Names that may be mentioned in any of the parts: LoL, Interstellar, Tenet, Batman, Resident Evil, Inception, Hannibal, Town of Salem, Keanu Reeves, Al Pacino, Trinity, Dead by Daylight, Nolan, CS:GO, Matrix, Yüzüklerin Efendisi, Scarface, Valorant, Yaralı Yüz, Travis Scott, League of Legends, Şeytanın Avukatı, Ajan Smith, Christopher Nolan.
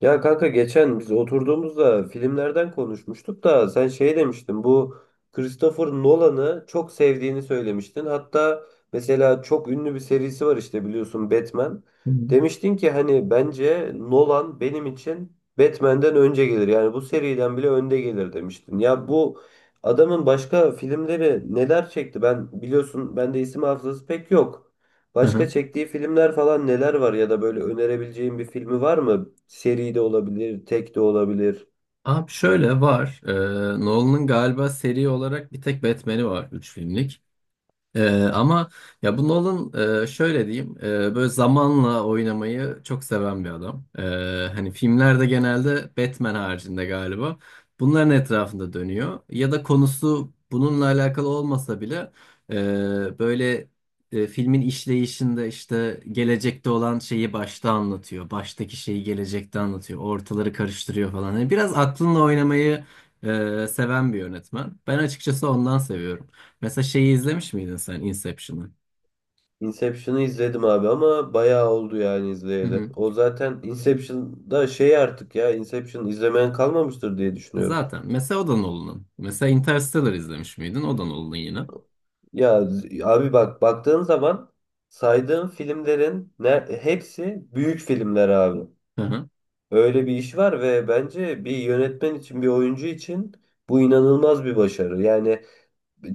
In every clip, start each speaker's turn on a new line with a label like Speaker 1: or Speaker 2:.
Speaker 1: Ya kanka geçen biz oturduğumuzda filmlerden konuşmuştuk da sen şey demiştin bu Christopher Nolan'ı çok sevdiğini söylemiştin. Hatta mesela çok ünlü bir serisi var işte biliyorsun Batman.
Speaker 2: Hı hı.
Speaker 1: Demiştin ki hani bence Nolan benim için Batman'den önce gelir. Yani bu seriden bile önde gelir demiştin. Ya bu adamın başka filmleri neler çekti? Ben biliyorsun bende isim hafızası pek yok. Başka
Speaker 2: Aha.
Speaker 1: çektiği filmler falan neler var ya da böyle önerebileceğin bir filmi var mı? Seri de olabilir, tek de olabilir.
Speaker 2: Abi şöyle var. Nolan'ın galiba seri olarak bir tek Batman'i var. 3 filmlik. Ama ya bu Nolan şöyle diyeyim, böyle zamanla oynamayı çok seven bir adam. Hani filmlerde genelde Batman haricinde galiba bunların etrafında dönüyor. Ya da konusu bununla alakalı olmasa bile, böyle, filmin işleyişinde işte gelecekte olan şeyi başta anlatıyor. Baştaki şeyi gelecekte anlatıyor. Ortaları karıştırıyor falan. Yani biraz aklınla oynamayı seven bir yönetmen. Ben açıkçası ondan seviyorum. Mesela şeyi izlemiş miydin sen, Inception'ı?
Speaker 1: Inception'ı izledim abi ama bayağı oldu yani
Speaker 2: Hı
Speaker 1: izleyeli.
Speaker 2: hı.
Speaker 1: O zaten Inception'da şey artık ya Inception izlemeyen kalmamıştır diye düşünüyorum.
Speaker 2: Zaten. Mesela o da Nolan'ın. Mesela Interstellar izlemiş miydin? O da Nolan'ın yine.
Speaker 1: Ya abi bak baktığın zaman saydığım filmlerin ne, hepsi büyük filmler abi.
Speaker 2: Hı hı.
Speaker 1: Öyle bir iş var ve bence bir yönetmen için bir oyuncu için bu inanılmaz bir başarı. Yani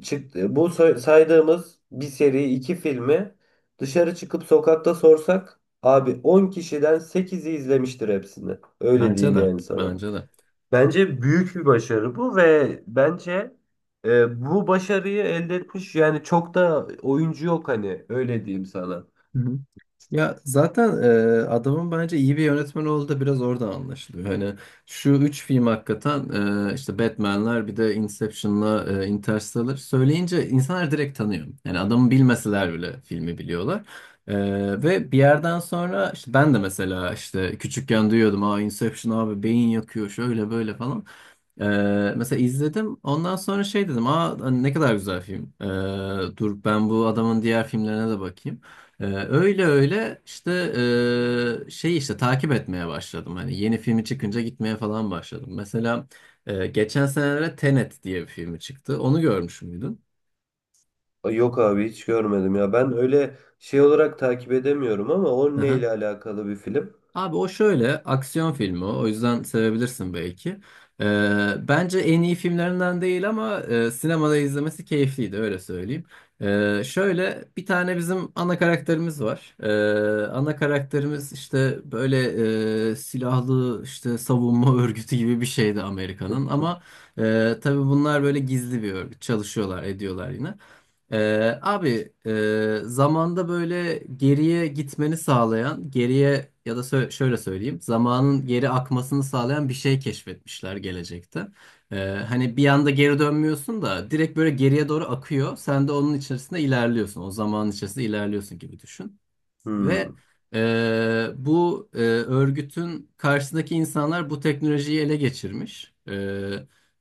Speaker 1: çıktı. Bu saydığımız bir seri iki filmi dışarı çıkıp sokakta sorsak abi 10 kişiden 8'i izlemiştir hepsini. Öyle
Speaker 2: Bence
Speaker 1: diyeyim
Speaker 2: de.
Speaker 1: yani sana.
Speaker 2: Bence de.
Speaker 1: Bence büyük bir başarı bu ve bence bu başarıyı elde etmiş yani çok da oyuncu yok hani öyle diyeyim sana.
Speaker 2: Hı hı. Ya zaten adamın bence iyi bir yönetmen olduğu da biraz oradan anlaşılıyor. Hani şu üç film hakikaten, işte Batman'ler bir de Inception'la, Interstellar söyleyince insanlar direkt tanıyor. Yani adamı bilmeseler bile filmi biliyorlar. E, ve bir yerden sonra işte ben de mesela işte küçükken duyuyordum. Aa, Inception abi beyin yakıyor şöyle böyle falan. E, mesela izledim. Ondan sonra şey dedim. Aa hani ne kadar güzel film. Dur ben bu adamın diğer filmlerine de bakayım. Öyle öyle işte şey işte takip etmeye başladım. Hani yeni filmi çıkınca gitmeye falan başladım. Mesela geçen senelerde Tenet diye bir filmi çıktı. Onu görmüş müydün?
Speaker 1: Ay, yok abi hiç görmedim ya. Ben öyle şey olarak takip edemiyorum ama o neyle alakalı bir film?
Speaker 2: Abi o şöyle, aksiyon filmi o. O yüzden sevebilirsin belki. Bence en iyi filmlerinden değil ama sinemada izlemesi keyifliydi, öyle söyleyeyim. Şöyle bir tane bizim ana karakterimiz var. Ana karakterimiz işte böyle, silahlı işte savunma örgütü gibi bir şeydi Amerika'nın ama tabii bunlar böyle gizli bir örgüt, çalışıyorlar ediyorlar yine. Abi zamanda böyle geriye gitmeni sağlayan, geriye ya da şöyle söyleyeyim, zamanın geri akmasını sağlayan bir şey keşfetmişler gelecekte. Ee, hani bir anda geri dönmüyorsun da direkt böyle geriye doğru akıyor. Sen de onun içerisinde ilerliyorsun. O zamanın içerisinde ilerliyorsun gibi düşün. Ve
Speaker 1: Hmm.
Speaker 2: bu örgütün karşısındaki insanlar bu teknolojiyi ele geçirmiş.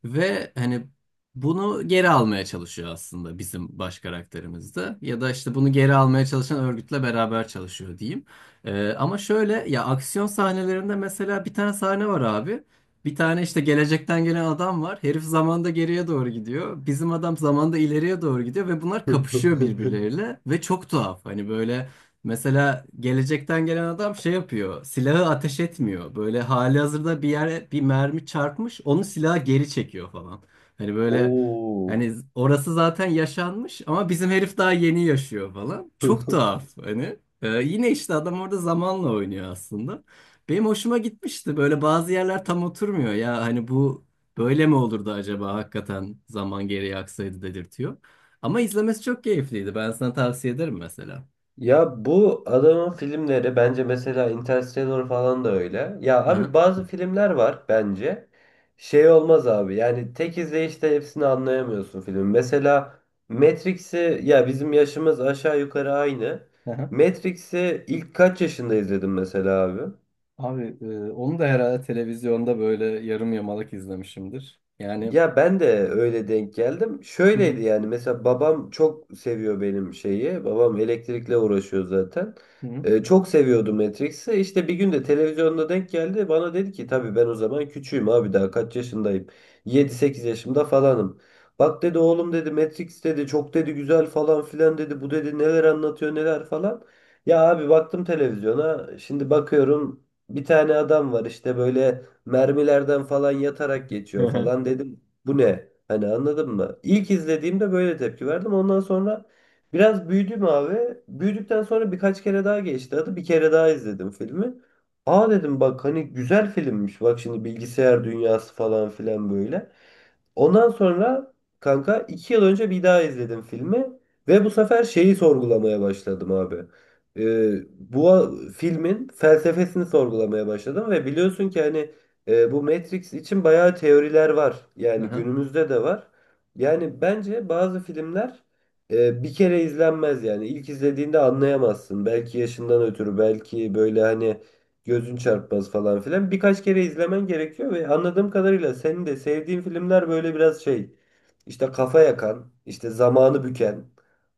Speaker 2: Ve hani bunu geri almaya çalışıyor aslında bizim baş karakterimiz de. Ya da işte bunu geri almaya çalışan örgütle beraber çalışıyor, diyeyim. Ama şöyle, ya aksiyon sahnelerinde mesela bir tane sahne var abi. Bir tane işte gelecekten gelen adam var. Herif zamanda geriye doğru gidiyor. Bizim adam zamanda ileriye doğru gidiyor ve bunlar kapışıyor birbirleriyle ve çok tuhaf. Hani böyle, mesela gelecekten gelen adam şey yapıyor. Silahı ateş etmiyor. Böyle halihazırda bir yere bir mermi çarpmış, onu silaha geri çekiyor falan. Hani böyle,
Speaker 1: Oo.
Speaker 2: hani orası zaten yaşanmış ama bizim herif daha yeni yaşıyor falan. Çok tuhaf hani. Yine işte adam orada zamanla oynuyor aslında. Benim hoşuma gitmişti. Böyle bazı yerler tam oturmuyor. Ya hani bu böyle mi olurdu acaba, hakikaten zaman geriye aksaydı, dedirtiyor. Ama izlemesi çok keyifliydi. Ben sana tavsiye ederim mesela.
Speaker 1: Ya bu adamın filmleri bence mesela Interstellar falan da öyle. Ya abi bazı filmler var bence. Şey olmaz abi yani tek izleyişte hepsini anlayamıyorsun filmin. Mesela Matrix'i ya bizim yaşımız aşağı yukarı aynı.
Speaker 2: Aha.
Speaker 1: Matrix'i ilk kaç yaşında izledim mesela abi?
Speaker 2: Abi onu da herhalde televizyonda böyle yarım yamalak izlemişimdir. Yani
Speaker 1: Ya ben de öyle denk geldim.
Speaker 2: hı hı,
Speaker 1: Şöyleydi yani mesela babam çok seviyor benim şeyi. Babam elektrikle uğraşıyor zaten.
Speaker 2: hı hı.
Speaker 1: Çok seviyordu Matrix'i. İşte bir gün de televizyonda denk geldi. Bana dedi ki tabii ben o zaman küçüğüm abi daha kaç yaşındayım. 7 8 yaşımda falanım. Bak dedi oğlum dedi Matrix dedi çok dedi güzel falan filan dedi. Bu dedi neler anlatıyor neler falan. Ya abi baktım televizyona. Şimdi bakıyorum bir tane adam var işte böyle mermilerden falan yatarak
Speaker 2: Hı
Speaker 1: geçiyor
Speaker 2: hı.
Speaker 1: falan dedim. Bu ne? Hani anladın mı? İlk izlediğimde böyle tepki verdim. Ondan sonra biraz büyüdüm abi. Büyüdükten sonra birkaç kere daha geçti adı. Bir kere daha izledim filmi. Aa dedim bak hani güzel filmmiş. Bak şimdi bilgisayar dünyası falan filan böyle. Ondan sonra kanka 2 yıl önce bir daha izledim filmi ve bu sefer şeyi sorgulamaya başladım abi. Ee, bu a- filmin felsefesini sorgulamaya başladım ve biliyorsun ki hani bu Matrix için bayağı teoriler var. Yani
Speaker 2: Aha.
Speaker 1: günümüzde de var. Yani bence bazı filmler bir kere izlenmez yani. İlk izlediğinde anlayamazsın. Belki yaşından ötürü, belki böyle hani gözün çarpmaz falan filan. Birkaç kere izlemen gerekiyor ve anladığım kadarıyla senin de sevdiğin filmler böyle biraz şey işte kafa yakan, işte zamanı büken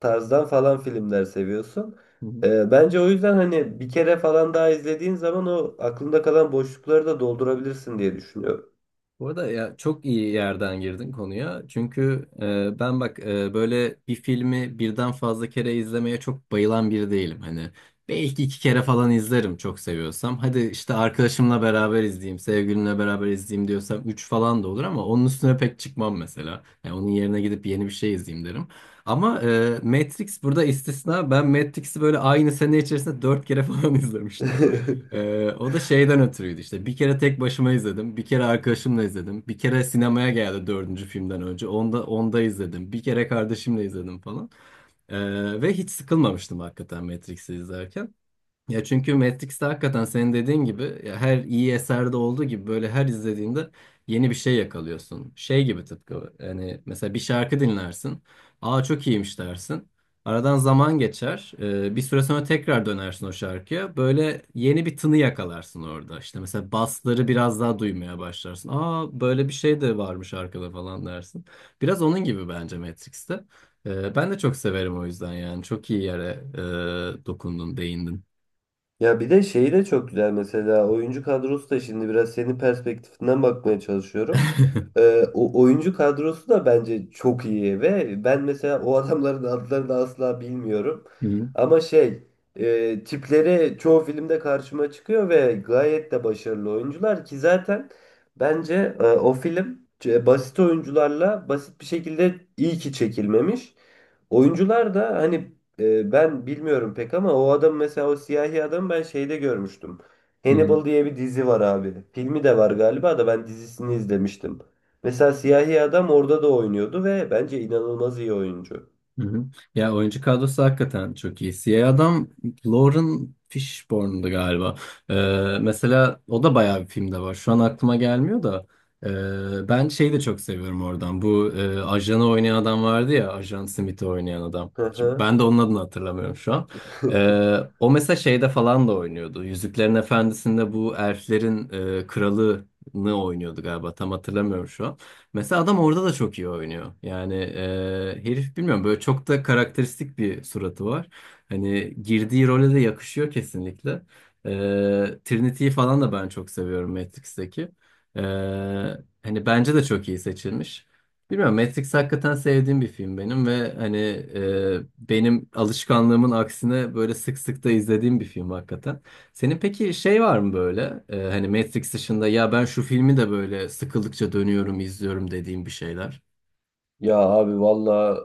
Speaker 1: tarzdan falan filmler seviyorsun. Bence o yüzden hani bir kere falan daha izlediğin zaman o aklında kalan boşlukları da doldurabilirsin diye düşünüyorum.
Speaker 2: Bu arada ya çok iyi yerden girdin konuya. Çünkü ben bak böyle bir filmi birden fazla kere izlemeye çok bayılan biri değilim. Hani belki 2 kere falan izlerim çok seviyorsam. Hadi işte arkadaşımla beraber izleyeyim, sevgilimle beraber izleyeyim diyorsam üç falan da olur ama onun üstüne pek çıkmam mesela. Yani onun yerine gidip yeni bir şey izleyeyim derim. Ama Matrix burada istisna. Ben Matrix'i böyle aynı sene içerisinde 4 kere falan izlemiştim. O da şeyden ötürüydü işte. Bir kere tek başıma izledim. Bir kere arkadaşımla izledim. Bir kere sinemaya geldi dördüncü filmden önce. Onda izledim. Bir kere kardeşimle izledim falan. Ve hiç sıkılmamıştım hakikaten Matrix'i izlerken. Ya çünkü Matrix'te hakikaten senin dediğin gibi, ya her iyi eserde olduğu gibi böyle her izlediğinde yeni bir şey yakalıyorsun. Şey gibi, tıpkı yani, mesela bir şarkı dinlersin. Aa çok iyiymiş dersin. Aradan zaman geçer. Bir süre sonra tekrar dönersin o şarkıya. Böyle yeni bir tını yakalarsın orada. İşte mesela basları biraz daha duymaya başlarsın. Aa böyle bir şey de varmış arkada falan dersin. Biraz onun gibi bence Matrix'te. Ben de çok severim o yüzden yani. Çok iyi yere dokundun, değindin.
Speaker 1: Ya bir de şeyi de çok güzel mesela oyuncu kadrosu da şimdi biraz senin perspektifinden bakmaya çalışıyorum. O oyuncu kadrosu da bence çok iyi ve ben mesela o adamların adlarını asla bilmiyorum.
Speaker 2: Hı hı,
Speaker 1: Ama şey tipleri çoğu filmde karşıma çıkıyor ve gayet de başarılı oyuncular ki zaten bence o film basit oyuncularla basit bir şekilde iyi ki çekilmemiş. Oyuncular da hani ben bilmiyorum pek ama o adam mesela o siyahi adam ben şeyde görmüştüm.
Speaker 2: hı hı,
Speaker 1: Hannibal diye bir dizi var abi. Filmi de var galiba da ben dizisini izlemiştim. Mesela siyahi adam orada da oynuyordu ve bence inanılmaz iyi oyuncu.
Speaker 2: hı hı. Ya oyuncu kadrosu hakikaten çok iyi. Siyah adam Lauren Fishburne'du galiba. Ee, mesela o da bayağı bir filmde var. Şu an aklıma gelmiyor da. Ben şeyi de çok seviyorum oradan. Bu ajanı oynayan adam vardı ya. Ajan Smith'i oynayan adam.
Speaker 1: Hı
Speaker 2: Şimdi
Speaker 1: hı.
Speaker 2: ben de onun adını hatırlamıyorum şu an. O mesela şeyde falan da oynuyordu. Yüzüklerin Efendisi'nde bu elflerin kralını oynuyordu galiba. Tam hatırlamıyorum şu an. Mesela adam orada da çok iyi oynuyor. Yani herif, bilmiyorum, böyle çok da karakteristik bir suratı var. Hani girdiği role de yakışıyor kesinlikle. E, Trinity'yi falan da ben çok seviyorum, Matrix'teki. E, hani bence de çok iyi seçilmiş. Bilmiyorum, Matrix hakikaten sevdiğim bir film benim ve hani benim alışkanlığımın aksine böyle sık sık da izlediğim bir film hakikaten. Senin peki şey var mı böyle, hani Matrix dışında, ya ben şu filmi de böyle sıkıldıkça dönüyorum izliyorum dediğim bir şeyler.
Speaker 1: Ya abi valla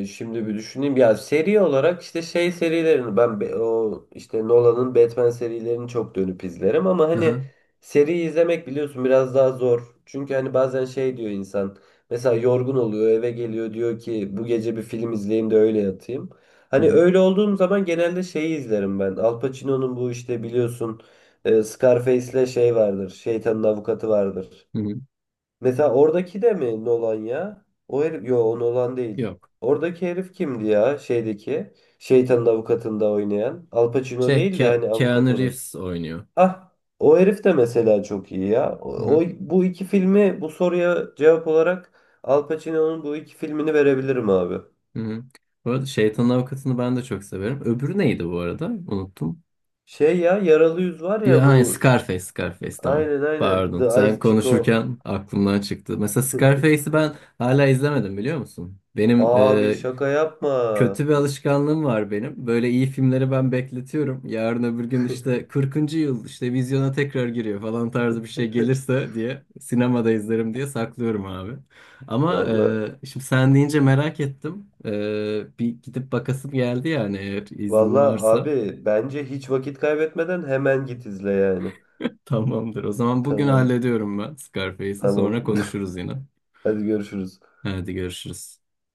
Speaker 1: şimdi bir düşüneyim. Ya seri olarak işte şey serilerini o işte Nolan'ın Batman serilerini çok dönüp izlerim ama
Speaker 2: Hı
Speaker 1: hani
Speaker 2: hı.
Speaker 1: seri izlemek biliyorsun biraz daha zor. Çünkü hani bazen şey diyor insan mesela yorgun oluyor eve geliyor diyor ki bu gece bir film izleyeyim de öyle yatayım.
Speaker 2: Hı
Speaker 1: Hani
Speaker 2: hı.
Speaker 1: öyle olduğum zaman genelde şeyi izlerim ben. Al Pacino'nun bu işte biliyorsun Scarface'le şey vardır. Şeytanın Avukatı vardır.
Speaker 2: Hı hı.
Speaker 1: Mesela oradaki de mi Nolan ya? O herif, yo o Nolan değil.
Speaker 2: Yok.
Speaker 1: Oradaki herif kimdi ya şeydeki? Şeytanın Avukatı'nda oynayan. Al Pacino
Speaker 2: Şey,
Speaker 1: değil de hani avukat
Speaker 2: Keanu
Speaker 1: olan.
Speaker 2: Reeves oynuyor.
Speaker 1: Ah, o herif de mesela çok iyi ya.
Speaker 2: Hı hı.
Speaker 1: Bu iki filmi bu soruya cevap olarak Al Pacino'nun bu iki filmini verebilirim abi.
Speaker 2: Hı hı. Bu arada Şeytanın Avukatı'nı ben de çok severim. Öbürü neydi bu arada? Unuttum.
Speaker 1: Şey ya Yaralı Yüz var ya
Speaker 2: Ya hani
Speaker 1: bu.
Speaker 2: Scarface, Scarface, tamam.
Speaker 1: Aynen aynen.
Speaker 2: Pardon.
Speaker 1: The
Speaker 2: Sen
Speaker 1: Ice Chico.
Speaker 2: konuşurken aklımdan çıktı. Mesela Scarface'i ben hala izlemedim, biliyor musun? Benim
Speaker 1: Abi şaka yapma.
Speaker 2: kötü bir alışkanlığım var benim. Böyle iyi filmleri ben bekletiyorum. Yarın öbür gün işte 40. yıl işte vizyona tekrar giriyor falan tarzı bir şey gelirse diye sinemada izlerim diye saklıyorum abi. Ama
Speaker 1: Vallahi.
Speaker 2: şimdi sen deyince merak ettim. Bir gidip bakasım geldi yani, eğer iznin
Speaker 1: Valla
Speaker 2: varsa.
Speaker 1: abi bence hiç vakit kaybetmeden hemen git izle yani.
Speaker 2: Tamamdır. O zaman bugün
Speaker 1: Tamam
Speaker 2: hallediyorum ben Scarface'i.
Speaker 1: tamam.
Speaker 2: Sonra konuşuruz yine.
Speaker 1: Hadi görüşürüz.
Speaker 2: Hadi görüşürüz.